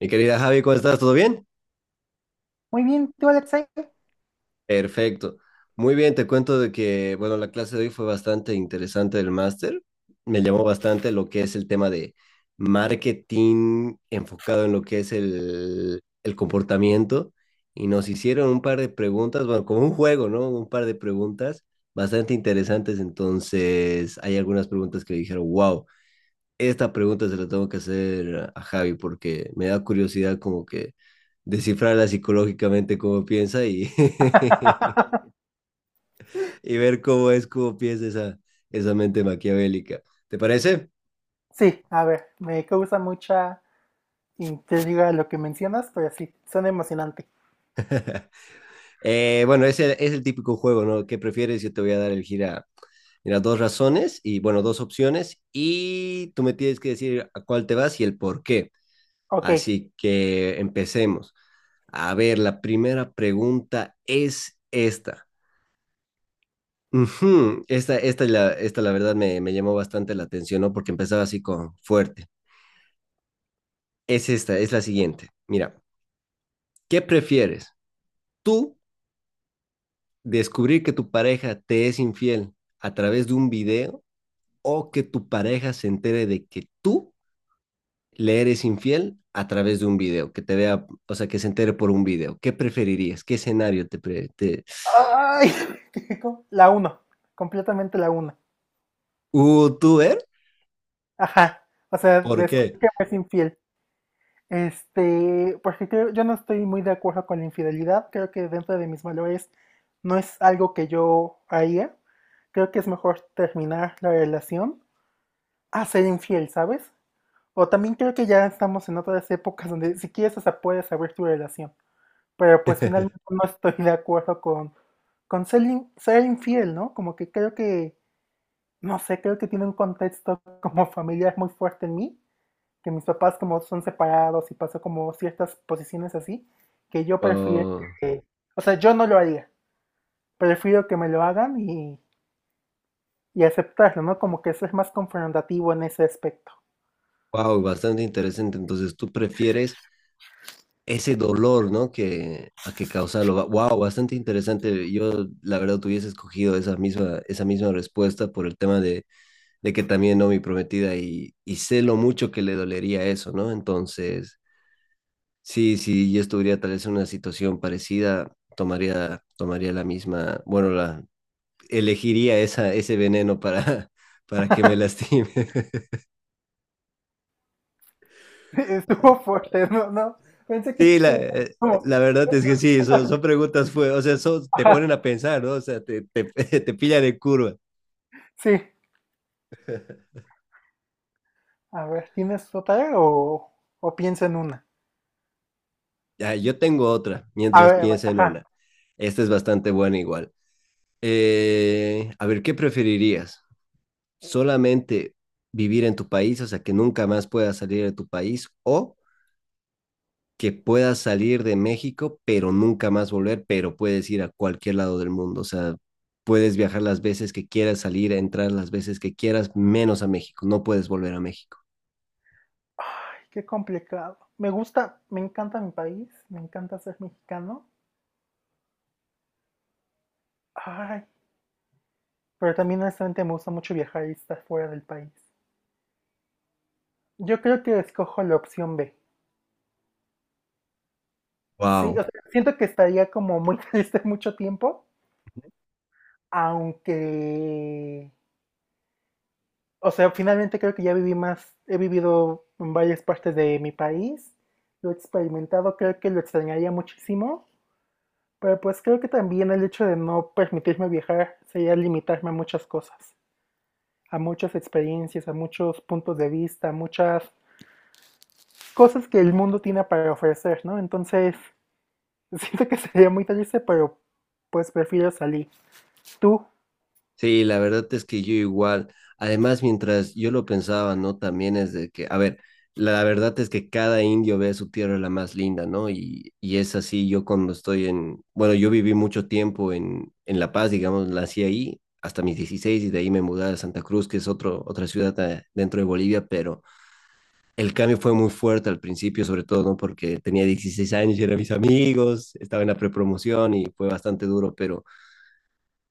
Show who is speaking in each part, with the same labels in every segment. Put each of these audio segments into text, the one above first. Speaker 1: Mi querida Javi, ¿cómo estás? ¿Todo bien?
Speaker 2: Muy bien, tú, Alexei.
Speaker 1: Perfecto. Muy bien, te cuento de que, bueno, la clase de hoy fue bastante interesante del máster. Me llamó bastante lo que es el tema de marketing enfocado en lo que es el comportamiento. Y nos hicieron un par de preguntas, bueno, como un juego, ¿no? Un par de preguntas bastante interesantes. Entonces, hay algunas preguntas que dijeron, wow. Esta pregunta se la tengo que hacer a Javi porque me da curiosidad como que descifrarla psicológicamente cómo piensa y ver cómo es, cómo piensa esa mente maquiavélica. ¿Te parece?
Speaker 2: Sí, a ver, me causa mucha intriga lo que mencionas, pero sí, suena emocionante.
Speaker 1: Bueno, es el típico juego, ¿no? ¿Qué prefieres? Yo te voy a dar el gira. Mira, dos razones y, bueno, dos opciones y tú me tienes que decir a cuál te vas y el por qué.
Speaker 2: Ok.
Speaker 1: Así que empecemos. A ver, la primera pregunta es esta. Ujú. Esta la verdad me llamó bastante la atención, ¿no? Porque empezaba así con fuerte. Es esta, es la siguiente. Mira, ¿qué prefieres? ¿Tú descubrir que tu pareja te es infiel a través de un video o que tu pareja se entere de que tú le eres infiel a través de un video? Que te vea, o sea, que se entere por un video. ¿Qué preferirías? ¿Qué escenario te—
Speaker 2: Ay, la uno, completamente la 1.
Speaker 1: ¿Tú ver?
Speaker 2: Ajá, o sea,
Speaker 1: ¿Por qué?
Speaker 2: descubrí que me es infiel. Porque creo, yo no estoy muy de acuerdo con la infidelidad, creo que dentro de mis valores no es algo que yo haría. Creo que es mejor terminar la relación a ser infiel, ¿sabes? O también creo que ya estamos en otras épocas donde si quieres hasta puedes abrir tu relación. Pero pues finalmente no estoy de acuerdo con ser, ser infiel, ¿no? Como que creo que, no sé, creo que tiene un contexto como familiar muy fuerte en mí, que mis papás como son separados y pasó como ciertas posiciones así, que yo prefiero
Speaker 1: Oh,
Speaker 2: que, o sea, yo no lo haría, prefiero que me lo hagan y aceptarlo, ¿no? Como que ser más confrontativo en ese aspecto.
Speaker 1: wow, bastante interesante. Entonces, ¿tú prefieres ese dolor? ¿No? Que, a que causarlo. Wow, bastante interesante. Yo, la verdad, tuviese escogido esa misma respuesta por el tema de, que también, ¿no? Mi prometida, y sé lo mucho que le dolería eso, ¿no? Entonces, sí, sí, yo estuviera tal vez en una situación parecida, tomaría la misma, bueno, elegiría ese veneno para que me lastime.
Speaker 2: Estuvo fuerte, ¿no? No, pensé que iba
Speaker 1: Sí,
Speaker 2: a ser como.
Speaker 1: la verdad es que sí, son preguntas, o sea, te ponen
Speaker 2: Ja,
Speaker 1: a pensar, ¿no? O sea, te pillan en curva.
Speaker 2: sí, a ver, ¿tienes o piensa en una?
Speaker 1: Ya, yo tengo otra, mientras
Speaker 2: A ver,
Speaker 1: piensa en
Speaker 2: ajá.
Speaker 1: una. Esta es bastante buena igual. A ver, ¿qué preferirías? ¿Solamente vivir en tu país, o sea, que nunca más puedas salir de tu país, o que puedas salir de México, pero nunca más volver, pero puedes ir a cualquier lado del mundo? O sea, puedes viajar las veces que quieras, salir, entrar las veces que quieras, menos a México. No puedes volver a México.
Speaker 2: Ay, qué complicado. Me gusta, me encanta mi país, me encanta ser mexicano. Ay, pero también honestamente me gusta mucho viajar y estar fuera del país. Yo creo que escojo la opción B. Sí,
Speaker 1: Wow.
Speaker 2: o sea, siento que estaría como muy triste mucho tiempo, aunque, o sea, finalmente creo que ya viví más, he vivido en varias partes de mi país, lo he experimentado, creo que lo extrañaría muchísimo. Pero pues creo que también el hecho de no permitirme viajar sería limitarme a muchas cosas, a muchas experiencias, a muchos puntos de vista, a muchas cosas que el mundo tiene para ofrecer, ¿no? Entonces, siento que sería muy triste, pero pues prefiero salir. Tú,
Speaker 1: Sí, la verdad es que yo igual, además mientras yo lo pensaba, ¿no? También es de que, a ver, la verdad es que cada indio ve a su tierra la más linda, ¿no? Y es así, yo cuando estoy bueno, yo viví mucho tiempo en, La Paz, digamos, nací ahí hasta mis 16 y de ahí me mudé a Santa Cruz, que es otra ciudad, dentro de Bolivia, pero el cambio fue muy fuerte al principio, sobre todo, ¿no? Porque tenía 16 años y eran mis amigos, estaba en la prepromoción y fue bastante duro, pero—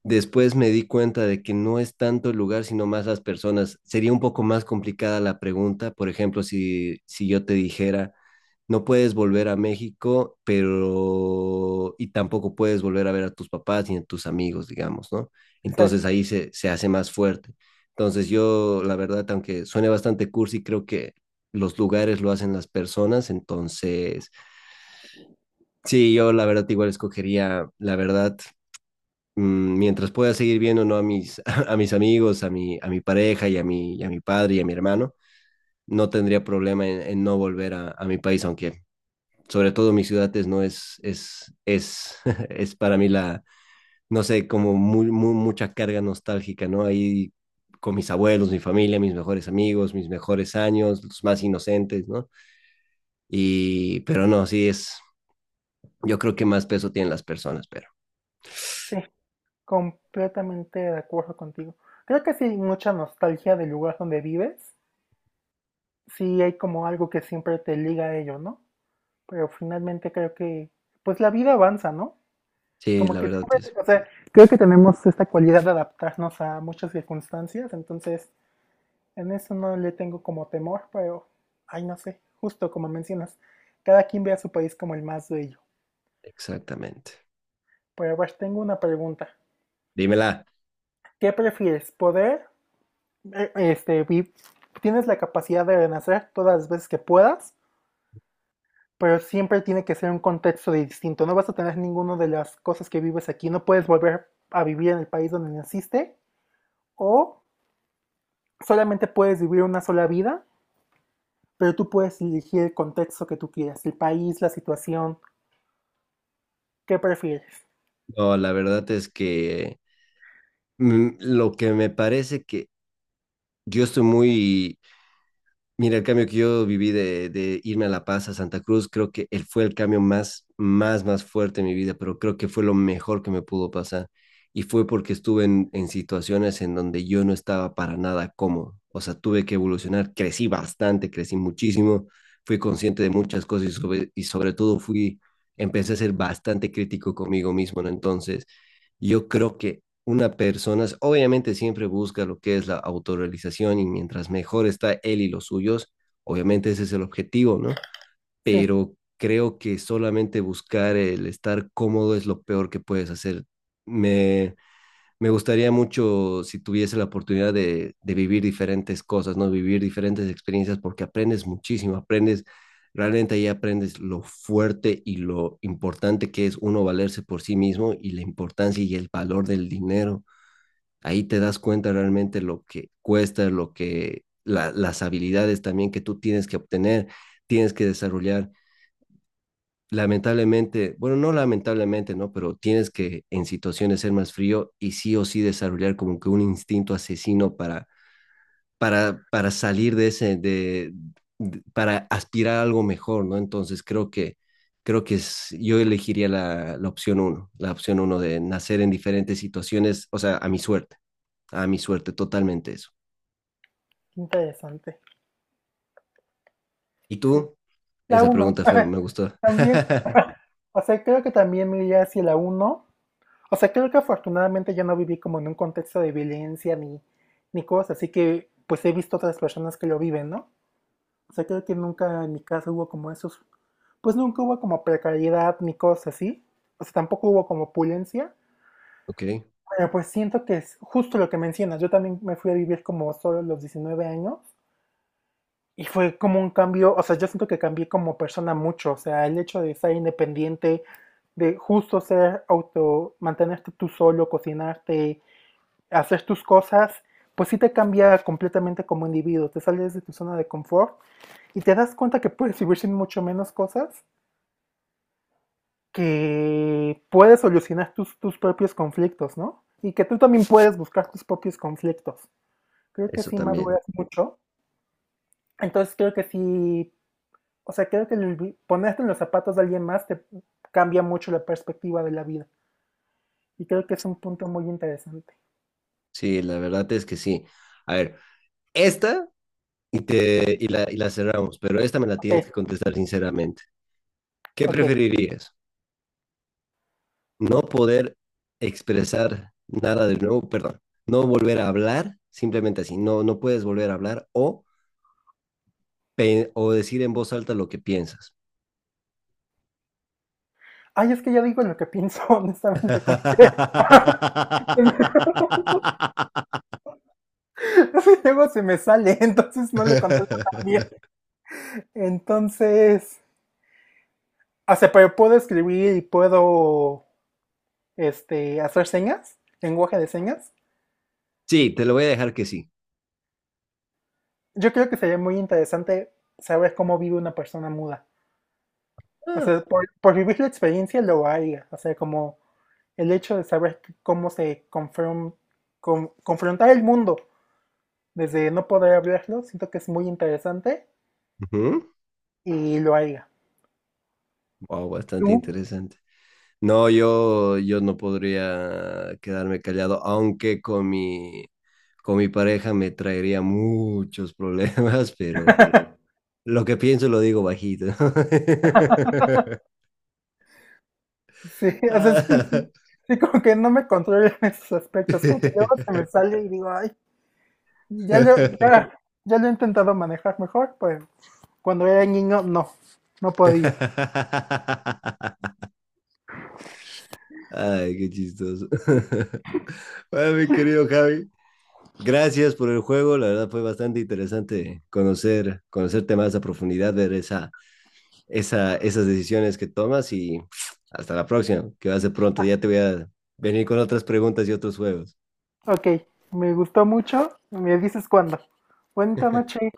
Speaker 1: Después me di cuenta de que no es tanto el lugar, sino más las personas. Sería un poco más complicada la pregunta. Por ejemplo, si yo te dijera, no puedes volver a México, pero y tampoco puedes volver a ver a tus papás ni a tus amigos, digamos, ¿no? Entonces
Speaker 2: exacto,
Speaker 1: ahí se hace más fuerte. Entonces yo, la verdad, aunque suene bastante cursi, creo que los lugares lo hacen las personas. Entonces, sí, yo la verdad igual escogería, la verdad, mientras pueda seguir viendo, ¿no?, a mis amigos, a mi pareja y a mi padre y a mi hermano, no tendría problema en, no volver a mi país, aunque sobre todo mi ciudad es, no es, es para mí la, no sé, como muy, muy, mucha carga nostálgica, ¿no? Ahí con mis abuelos, mi familia, mis mejores amigos, mis mejores años, los más inocentes, ¿no? Pero no, sí es, yo creo que más peso tienen las personas, pero
Speaker 2: sí, completamente de acuerdo contigo. Creo que sí hay mucha nostalgia del lugar donde vives, sí hay como algo que siempre te liga a ello, ¿no? Pero finalmente creo que, pues la vida avanza, ¿no?
Speaker 1: sí,
Speaker 2: Como
Speaker 1: la
Speaker 2: que
Speaker 1: verdad es,
Speaker 2: siempre, o sea, creo que tenemos esta cualidad de adaptarnos a muchas circunstancias, entonces en eso no le tengo como temor, pero, ay, no sé, justo como mencionas, cada quien ve a su país como el más bello.
Speaker 1: exactamente.
Speaker 2: Pero a ver, tengo una pregunta.
Speaker 1: Dímela.
Speaker 2: ¿Qué prefieres? ¿Poder, eh, este, vi- tienes la capacidad de renacer todas las veces que puedas, pero siempre tiene que ser un contexto de distinto. No vas a tener ninguna de las cosas que vives aquí, no puedes volver a vivir en el país donde naciste, o solamente puedes vivir una sola vida, pero tú puedes elegir el contexto que tú quieras, el país, la situación, ¿qué prefieres?
Speaker 1: No, la verdad es que lo que me parece que yo estoy muy, mira, el cambio que yo viví de irme a La Paz, a Santa Cruz, creo que él fue el cambio más fuerte en mi vida, pero creo que fue lo mejor que me pudo pasar. Y fue porque estuve en situaciones en donde yo no estaba para nada cómodo. O sea, tuve que evolucionar, crecí bastante, crecí muchísimo, fui consciente de muchas cosas y sobre todo empecé a ser bastante crítico conmigo mismo, ¿no? Entonces, yo creo que una persona obviamente siempre busca lo que es la autorrealización y mientras mejor está él y los suyos, obviamente ese es el objetivo, ¿no?
Speaker 2: Sí,
Speaker 1: Pero creo que solamente buscar el estar cómodo es lo peor que puedes hacer. Me, me gustaría mucho si tuviese la oportunidad de vivir diferentes cosas, ¿no? Vivir diferentes experiencias porque aprendes muchísimo, realmente ahí aprendes lo fuerte y lo importante que es uno valerse por sí mismo y la importancia y el valor del dinero. Ahí te das cuenta realmente lo que cuesta, las habilidades también que tú tienes que obtener, tienes que desarrollar, lamentablemente, bueno, no lamentablemente, ¿no? Pero tienes que en situaciones ser más frío y sí o sí desarrollar como que un instinto asesino para, salir de ese, para aspirar a algo mejor, ¿no? Entonces creo que yo elegiría la opción uno, la opción uno de nacer en diferentes situaciones, o sea, a mi suerte, totalmente eso.
Speaker 2: interesante.
Speaker 1: ¿Y
Speaker 2: Sí.
Speaker 1: tú?
Speaker 2: La
Speaker 1: Esa
Speaker 2: uno,
Speaker 1: pregunta fue, me gustó.
Speaker 2: también, o sea, creo que también me iría hacia la uno. O sea, creo que afortunadamente yo no viví como en un contexto de violencia, ni cosas, así que pues he visto otras personas que lo viven, ¿no? O sea, creo que nunca en mi casa hubo como esos, pues nunca hubo como precariedad ni cosas así. O sea, tampoco hubo como opulencia.
Speaker 1: Ok,
Speaker 2: Bueno, pues siento que es justo lo que mencionas. Yo también me fui a vivir como solo a los 19 años y fue como un cambio, o sea, yo siento que cambié como persona mucho, o sea, el hecho de ser independiente, de justo ser auto, mantenerte tú solo, cocinarte, hacer tus cosas, pues sí te cambia completamente como individuo, te sales de tu zona de confort y te das cuenta que puedes vivir sin mucho menos cosas, que puedes solucionar tus propios conflictos, ¿no? Y que tú también puedes buscar tus propios conflictos. Creo que
Speaker 1: eso
Speaker 2: sí
Speaker 1: también.
Speaker 2: maduras mucho. Entonces creo que sí, o sea, creo que ponerte en los zapatos de alguien más te cambia mucho la perspectiva de la vida. Y creo que es un punto muy interesante.
Speaker 1: Sí, la verdad es que sí. A ver. Esta y la cerramos, pero esta me la
Speaker 2: Ok,
Speaker 1: tienes que contestar sinceramente. ¿Qué
Speaker 2: ok.
Speaker 1: preferirías? ¿No poder expresar nada de nuevo? Perdón, no volver a hablar, simplemente así, no puedes volver a hablar, o, o decir en voz alta lo que piensas.
Speaker 2: Ay, es que ya digo lo que pienso, honestamente, como que... es que luego se me sale, entonces no le controlo tan bien. Entonces, o sea, pero puedo escribir y puedo, hacer señas, lenguaje de señas.
Speaker 1: Sí, te lo voy a dejar que sí.
Speaker 2: Yo creo que sería muy interesante saber cómo vive una persona muda. O
Speaker 1: Ah.
Speaker 2: sea, por vivir la experiencia lo haría. O sea, como el hecho de saber cómo se confrontar el mundo desde no poder hablarlo, siento que es muy interesante
Speaker 1: Ujú.
Speaker 2: y lo haría.
Speaker 1: Wow, bastante
Speaker 2: ¿Tú?
Speaker 1: interesante. No, yo no podría quedarme callado, aunque con mi pareja me traería muchos problemas, pero lo que pienso lo digo bajito.
Speaker 2: Sí, o sea,
Speaker 1: Ah.
Speaker 2: sí. Sí, como que no me controlo en esos aspectos, como que luego se me sale y digo, ay, ya lo, ya, ya lo he intentado manejar mejor, pues cuando era niño no, no podía.
Speaker 1: Ay, qué chistoso. Bueno, mi querido Javi, gracias por el juego. La verdad fue bastante interesante conocer, conocerte más a profundidad, ver esa, esas decisiones que tomas, y hasta la próxima, que va a ser pronto. Ya te voy a venir con otras preguntas y otros juegos.
Speaker 2: Ok, me gustó mucho. Me dices cuándo. Buena noche.